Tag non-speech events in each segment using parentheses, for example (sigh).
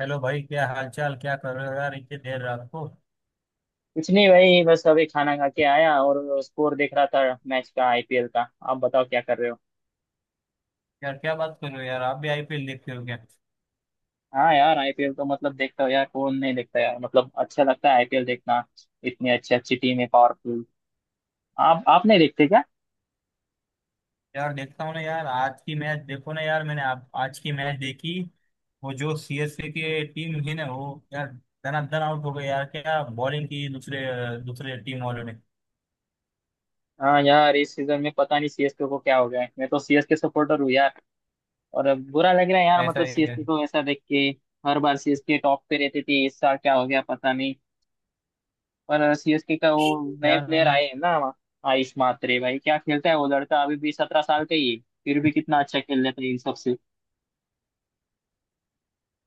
Hello भाई, क्या हालचाल? क्या कर रहे हो यार इतनी देर रात को? कुछ नहीं भाई, बस अभी खाना खा के आया और स्कोर देख रहा था। मैच का, आईपीएल का। आप बताओ क्या कर रहे हो? यार क्या बात कर रहे हो यार, आप भी आईपीएल देखते हो क्या? हाँ यार, आईपीएल तो मतलब देखता हूँ यार, कौन नहीं देखता यार, मतलब अच्छा लगता है आईपीएल देखना। इतनी अच्छी अच्छी टीम है, पावरफुल। आप नहीं देखते क्या? यार देखता हूँ ना यार। आज की मैच देखो ना यार, मैंने आप आज की मैच देखी। वो जो सीएसके की टीम है ना वो, यार धनाधन आउट हो गई यार। क्या बॉलिंग की दूसरे दूसरे टीम वालों ने। हाँ यार, इस सीजन में पता नहीं सीएसके को क्या हो गया है। मैं तो सीएसके सपोर्टर हूँ यार, और अब बुरा लग रहा है यार, ऐसा मतलब है क्या? सीएसके को ऐसा देख के। हर बार सीएसके टॉप पे रहती थी, इस साल क्या हो गया पता नहीं। पर सीएसके का वो नए यार प्लेयर मैंने। आए हैं ना, आयुष मात्रे, भाई क्या खेलता है वो लड़का। अभी भी 17 साल का ही है, फिर भी कितना अच्छा खेल लेता है इन सबसे।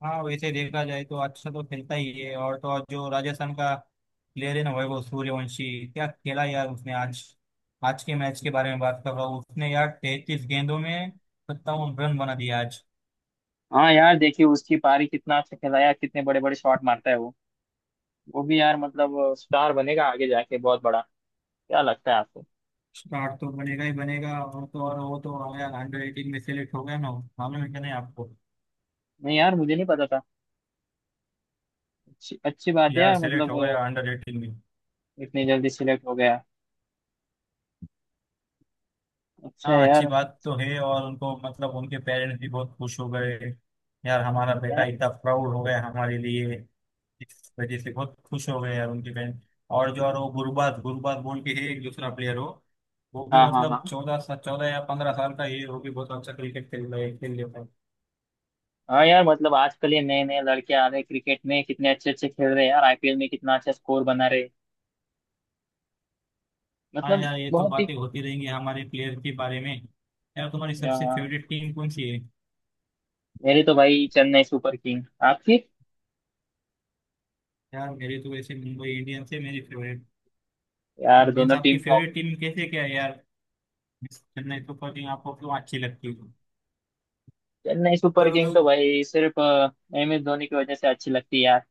हाँ वैसे देखा जाए तो अच्छा तो खेलता ही है, और तो और जो राजस्थान का प्लेयर है ना, वैभव सूर्यवंशी, क्या खेला यार उसने आज। आज के मैच के बारे में बात कर रहा हूँ, उसने यार 33 गेंदों में 57 रन बना दिया आज। हाँ यार, देखिए उसकी पारी, कितना अच्छा खिलाया, कितने बड़े बड़े शॉट मारता है वो। वो भी यार मतलब स्टार बनेगा आगे जाके, बहुत बड़ा। क्या लगता है आपको? स्टार तो बनेगा ही बनेगा, और तो और वो तो आया अंडर 18 में सेलेक्ट हो गया ना। मालूम है क्या, नहीं आपको? नहीं यार, मुझे नहीं पता था। अच्छी अच्छी बात है यार यार, सेलेक्ट मतलब हो गया अंडर 18 में। इतनी जल्दी सिलेक्ट हो गया, अच्छा है हाँ अच्छी यार। बात तो है, और उनको मतलब उनके पेरेंट्स भी बहुत खुश हो गए यार, हमारा बेटा यार। इतना प्राउड हो गया हमारे लिए। इस वजह से बहुत खुश हो गए यार, उनकी फैन। और जो और वो गुरबाज गुरबाज बोल के है, एक दूसरा प्लेयर हो। वो भी हाँ हाँ हाँ। मतलब 14 या 15 साल का ही है, वो भी बहुत अच्छा क्रिकेट खेल रहा है, खेल लेता है। हाँ यार मतलब आजकल ये नए नए लड़के आ रहे हैं क्रिकेट में, कितने अच्छे अच्छे खेल रहे हैं यार, आईपीएल में कितना अच्छा स्कोर बना रहे हैं। हाँ मतलब यार, ये तो बहुत ही। बातें होती रहेंगी हमारे प्लेयर के बारे में। यार, तुम्हारी सबसे यार फेवरेट टीम कौन सी है? मेरी तो भाई चेन्नई सुपर किंग। आपकी? यार, मेरी तो वैसे मुंबई इंडियंस है मेरी फेवरेट। यार मीन्स दोनों आपकी टीम टॉप। फेवरेट टीम कैसे क्या है यार? Means चेन्नई सुपर किंग आपको क्यों अच्छी लगती है? चेन्नई सुपर तो किंग तो भाई सिर्फ एम एस धोनी की वजह से अच्छी लगती है यार।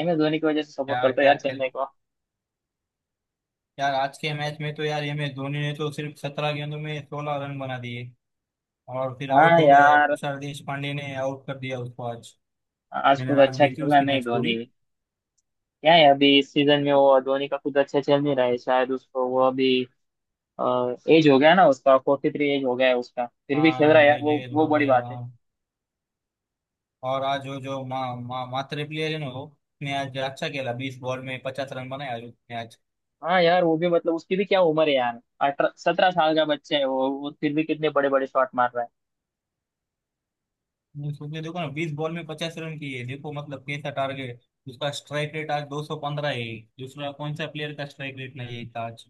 एम एस धोनी की वजह से सपोर्ट क्या करता है क्या यार खेल। चेन्नई को। यार, आज के मैच में तो यार एम एस धोनी ने तो सिर्फ 17 गेंदों में 16 रन बना दिए, और फिर आउट हाँ हो गया, यार, तुषार देशपांडे ने आउट कर दिया उसको आज। आज मैंने कुछ आज अच्छा देखी खेला उसकी नहीं मैच धोनी। पूरी। क्या है, अभी इस सीजन में वो धोनी का कुछ अच्छा चल नहीं रहा है शायद, उसको वो अभी एज हो गया ना उसका, 43 एज हो गया है उसका, फिर भी खेल हाँ रहा है यार, ये वो जेल वो हो बड़ी गया बात है। हाँ। और आज वो जो मा, मा, मात्रे प्लेयर है ना वो, उसने आज अच्छा खेला, 20 बॉल में 50 रन बनाए आज उसने आज। हाँ यार, वो भी मतलब उसकी भी क्या उम्र है यार, 18 17 साल का बच्चा है, वो फिर भी कितने बड़े बड़े शॉट मार रहा है। उसने देखो ना, 20 बॉल में 50 रन किए, देखो मतलब कैसा टारगेट। उसका स्ट्राइक रेट आज 215 है। दूसरा कौन सा प्लेयर का स्ट्राइक रेट नहीं है इसका आज।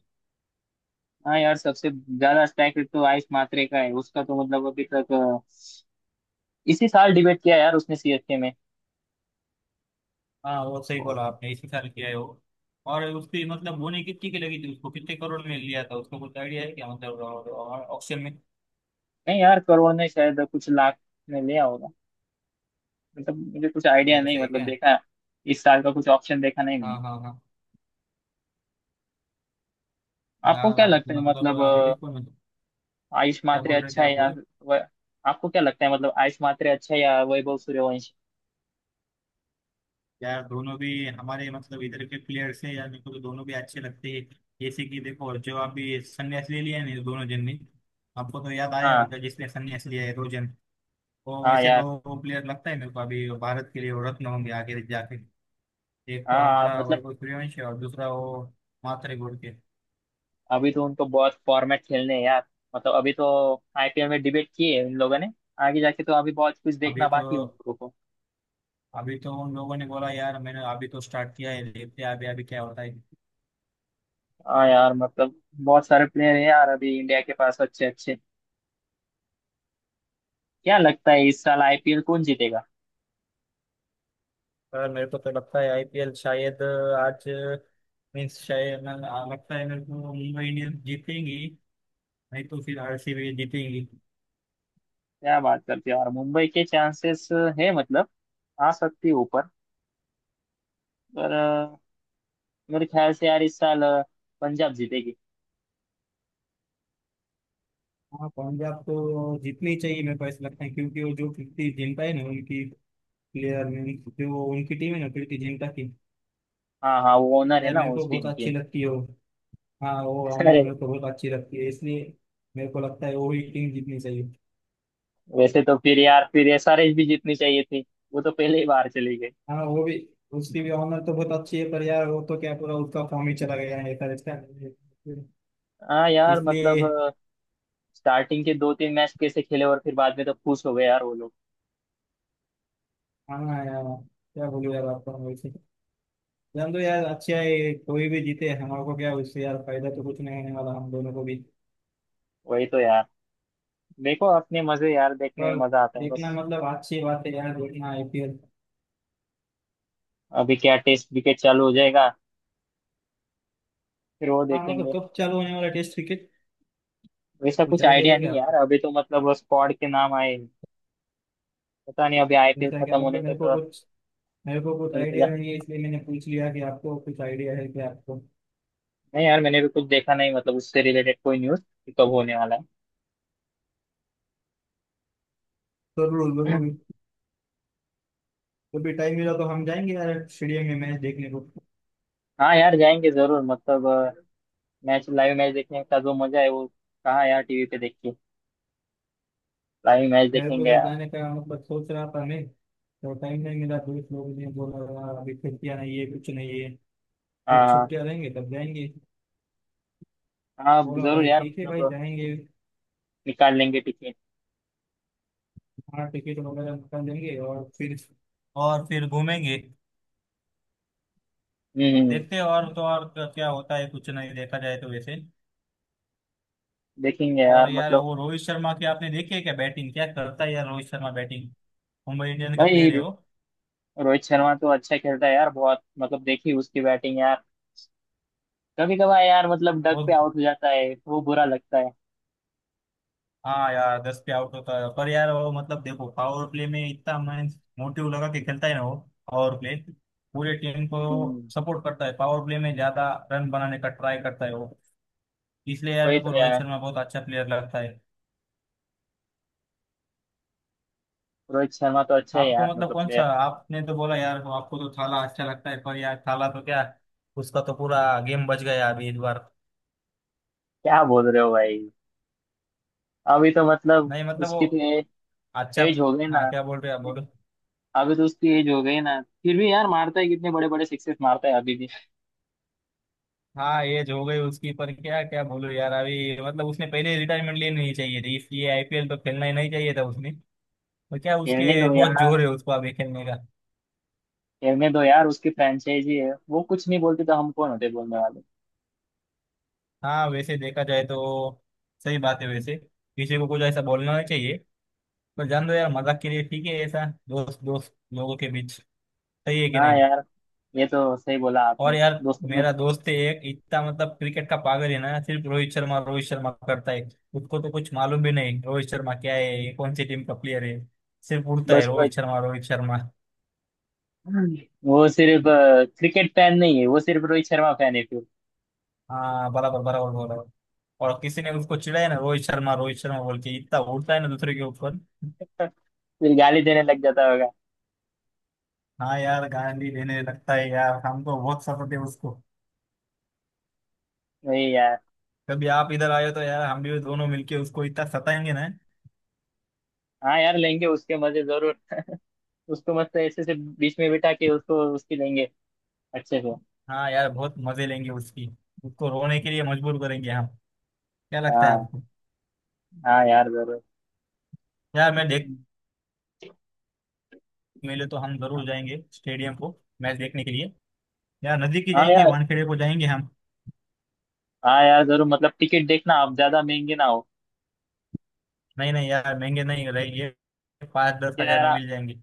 हाँ यार सबसे ज्यादा स्ट्राइक रेट तो आयुष मात्रे का है। उसका तो मतलब अभी तक इसी साल डिबेट किया यार उसने सीएसके में। हाँ वो सही और बोला आपने, इसी साल किया है वो। और उसकी मतलब बोनी कितनी की लगी थी, उसको कितने करोड़ में लिया था उसको, कुछ आइडिया है क्या मतलब, ऑक्शन में? नहीं यार, करोड़ ने शायद, कुछ लाख में लिया होगा। मतलब मुझे कुछ आइडिया नहीं, ऐसे है मतलब क्या? देखा, इस साल का कुछ ऑप्शन देखा नहीं हाँ मैंने। हाँ हाँ। आपको यार क्या आप लगता है, मतलब मतलब अभी देखो ना। आयुष क्या मात्रे बोल रहे थे अच्छा है आप, या बोलो। व, आपको क्या लगता है, मतलब आयुष मात्रे अच्छा है या वैभव सूर्यवंशी? यार, दोनों भी हमारे मतलब इधर के प्लेयर्स हैं यार, मेरे को तो दोनों भी अच्छे लगते हैं। जैसे कि देखो, जो आप भी संन्यास ले लिया है ना दोनों जन ने, आपको तो याद आया हाँ। होगा जिसने संन्यास लिया है दो जन। वो हाँ वैसे यार। दो प्लेयर लगता है मेरे को, अभी भारत के लिए वो रत्न होंगे आगे जाके। एक तो हाँ हमारा मतलब वैभव सूर्यवंशी और दूसरा वो मात्रे गुड़ के। अभी तो उनको बहुत फॉर्मेट खेलने हैं यार, मतलब अभी तो आईपीएल में डिबेट किए हैं इन लोगों ने, आगे जाके तो अभी बहुत कुछ अभी देखना तो बाकी है उन लोगों को। अभी तो उन लोगों ने बोला यार, मैंने अभी तो स्टार्ट किया है, देखते हैं अभी अभी क्या होता है। हाँ यार मतलब बहुत सारे प्लेयर हैं यार अभी इंडिया के पास, अच्छे अच्छे। क्या लगता है इस साल आईपीएल कौन जीतेगा? सर, मेरे को तो लगता है आईपीएल शायद आज, मीन्स शायद लगता है मेरे को मुंबई इंडियंस जीतेंगी। नहीं तो फिर आरसीबी जीतेंगी। क्या बात करते हो यार, मुंबई के चांसेस है मतलब, आ सकती है ऊपर। पर मेरे ख्याल से यार इस साल पंजाब जीतेगी। हाँ पंजाब तो जीतनी चाहिए, मेरे को ऐसा लगता है, क्योंकि वो जो कीर्ति जिंटा है ना उनकी प्लेयर में, जो उनकी टीम है ना कीर्ति जिंटा की, हाँ हाँ, वो ओनर है यार ना मेरे को उस बहुत टीम अच्छी की। लगती है वो। हाँ वो (laughs) अमर अरे, मेरे को बहुत अच्छी लगती है इसलिए, मेरे को लगता है वो ही टीम जीतनी चाहिए। वैसे तो फिर यार, फिर एसआरएच भी जीतनी चाहिए थी, वो तो पहले ही बाहर चली गई। हाँ वो भी, उसकी भी ऑनर तो बहुत अच्छी है, पर यार वो तो क्या, पूरा उसका फॉर्म ही चला गया है ऐसा लगता है, हाँ यार इसलिए। मतलब स्टार्टिंग के 2-3 मैच कैसे खेले और फिर बाद में तो खुश हो गए यार वो लोग। हाँ यार, क्या बोलूँ यार आपको, हम वैसे, जान दो यार, अच्छा है कोई भी जीते, हमारे को क्या उससे यार, फायदा तो कुछ नहीं होने वाला हम दोनों को भी। वही तो यार, देखो अपने मजे यार, देखने में पर मजा आता है बस। देखना मतलब अच्छी बात है यार, देखना आईपीएल। अभी क्या टेस्ट विकेट चालू हो जाएगा, फिर वो हाँ मतलब देखेंगे। कब चालू होने वाला टेस्ट क्रिकेट, वैसा कुछ कुछ आइडिया आइडिया है क्या नहीं यार, आपको? अभी तो मतलब स्क्वाड के नाम आए हैं। पता नहीं, अभी आईपीएल जैसा क्या खत्म होने मतलब तक मेरे को तो कुछ, मेरे को कुछ आइडिया इंतजार। नहीं है, इसलिए मैंने पूछ लिया कि आपको कुछ आइडिया है क्या आपको। नहीं यार, मैंने भी कुछ देखा नहीं, मतलब उससे रिलेटेड कोई न्यूज कब होने वाला जरूर है। जरूर। (clears throat) कभी टाइम मिला तो हम जाएंगे यार स्टेडियम में मैच देखने को। हाँ यार जाएंगे जरूर, मतलब मैच, लाइव मैच देखने का जो मजा है, वो कहाँ यार, टीवी पे देख के। लाइव मैच मेरे को देखेंगे भी यार। जाने का मतलब सोच रहा था मैं, तो टाइम नहीं मिला, दोस्त लोग ने बोला, "यार, अभी छुट्टियां नहीं है कुछ नहीं है, जब हाँ। छुट्टियां रहेंगे तब जाएंगे।" हाँ बोला, जरूर भाई यार, ठीक है भाई, मतलब जाएंगे। निकाल लेंगे टिकट। हाँ टिकट वगैरह निकाल देंगे, और फिर घूमेंगे। हम्म। देखते हैं और तो और क्या क्या होता है, कुछ नहीं देखा जाए तो वैसे। देखेंगे और यार यार, मतलब। वो रोहित शर्मा की आपने देखी है क्या बैटिंग, क्या करता है यार रोहित शर्मा बैटिंग। मुंबई इंडियंस का भाई प्लेयर है वो। रोहित शर्मा तो अच्छा खेलता है यार बहुत, मतलब देखी उसकी बैटिंग यार। कभी कभार यार मतलब डक पे बहुत। आउट हो जाता है वो, बुरा लगता है। हाँ यार 10 पे आउट होता है, पर यार वो मतलब देखो पावर प्ले में इतना मैं मोटिव लगा के खेलता है ना वो, पावर प्ले, पूरे टीम को हम्म। सपोर्ट करता है, पावर प्ले में ज्यादा रन बनाने का ट्राई करता है वो। इसलिए यार वही मेरे तो को रोहित यार, शर्मा बहुत अच्छा प्लेयर लगता है। रोहित शर्मा तो अच्छा है आपको यार मतलब मतलब कौन सा, प्लेयर। आपने तो बोला यार वो आपको तो थाला अच्छा लगता है, पर यार थाला तो क्या, उसका तो पूरा गेम बच गया अभी इस बार। क्या बोल रहे हो भाई? अभी तो मतलब नहीं मतलब वो, उसकी तो अच्छा। एज हो गई ना। हाँ, क्या बोल रहे हैं आप, बोलो। अभी तो उसकी एज हो गई ना, फिर भी यार मारता है कितने बड़े बड़े सिक्सेस मारता है अभी भी। हाँ एज हो गई उसकी पर क्या, क्या बोलो यार, अभी मतलब उसने पहले रिटायरमेंट लेनी नहीं चाहिए थी, इसलिए आईपीएल तो खेलना ही नहीं चाहिए था उसने। पर क्या खेलने उसके दो बहुत यार। जोर है उसको अभी खेलने का। खेलने दो यार, उसकी फ्रेंचाइजी है, वो कुछ नहीं बोलती तो हम कौन होते बोलने वाले? हाँ वैसे देखा जाए तो सही बात है, वैसे किसी को कुछ ऐसा बोलना नहीं चाहिए। पर जान दो यार मजाक के लिए ठीक है, ऐसा दोस्त दोस्त लोगों के बीच सही है कि हाँ नहीं। यार, ये तो सही बोला और आपने। यार, दोस्तों में। मेरा दोस्त है एक, इतना मतलब क्रिकेट का पागल है ना, सिर्फ रोहित शर्मा करता है। उसको तो कुछ मालूम भी नहीं रोहित शर्मा क्या है, ये कौन सी टीम का प्लेयर है, सिर्फ उड़ता है बस रोहित रोहित, शर्मा रोहित शर्मा। वो सिर्फ, क्रिकेट फैन नहीं है, वो सिर्फ रोहित शर्मा फैन है फिर। हाँ बराबर बराबर बोला। और किसी ने उसको चिढ़ाया ना रोहित शर्मा बोल के, इतना उड़ता है ना दूसरे के ऊपर। (laughs) फिर गाली देने लग जाता होगा। हाँ यार गाली देने लगता है यार, हमको बहुत सताते हैं उसको। वही यार, कभी आप इधर आए तो यार, हम भी दोनों मिलके उसको इतना सताएंगे ना। हाँ यार लेंगे उसके मजे जरूर। उसको मस्त ऐसे से बीच में बिठा के उसको उसकी लेंगे, अच्छे से। हाँ यार, बहुत मजे लेंगे उसकी, उसको रोने के लिए मजबूर करेंगे हम। क्या लगता है हाँ आपको? हाँ यार जरूर। यार मैं देख, मिले तो हम जरूर जाएंगे स्टेडियम को, मैच देखने के लिए। यार नजदीक ही हाँ जाएंगे, यार। वानखेड़े को जाएंगे हम। हाँ यार जरूर मतलब, टिकट देखना आप ज्यादा महंगे ना हो। नहीं नहीं यार महंगे नहीं रहेंगे, पाँच दस क्या हजार में यार, मिल जाएंगे।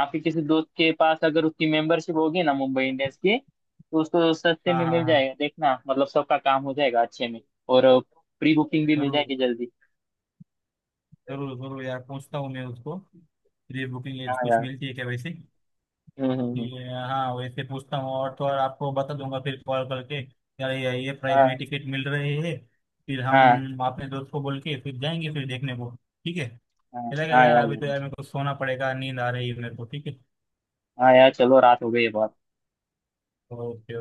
आपके किसी दोस्त के पास अगर उसकी मेंबरशिप होगी ना मुंबई इंडियंस की, तो उसको सस्ते हाँ में हाँ मिल हाँ। जाएगा, देखना मतलब सबका काम हो जाएगा अच्छे में। और प्री बुकिंग भी मिल जरूर जाएगी जल्दी। जरूर। जरूर यार, पूछता हूँ मैं उसको, प्री हाँ बुकिंग कुछ यार। मिलती है क्या वैसे। हम्म हम्म हम्म। हाँ वैसे पूछता हूँ, और तो और आपको बता दूंगा फिर कॉल करके यार, ये प्राइस हाँ में टिकट मिल रहे हैं। फिर हाँ हम अपने दोस्त को बोल के फिर जाएंगे फिर देखने को। ठीक है। हाँ। चलेगा हाँ यार, यार अभी तो जरूर। यार मेरे को सोना पड़ेगा, नींद आ रही है मेरे को, ठीक है। हाँ यार चलो, रात हो गई है बहुत। ओह जी।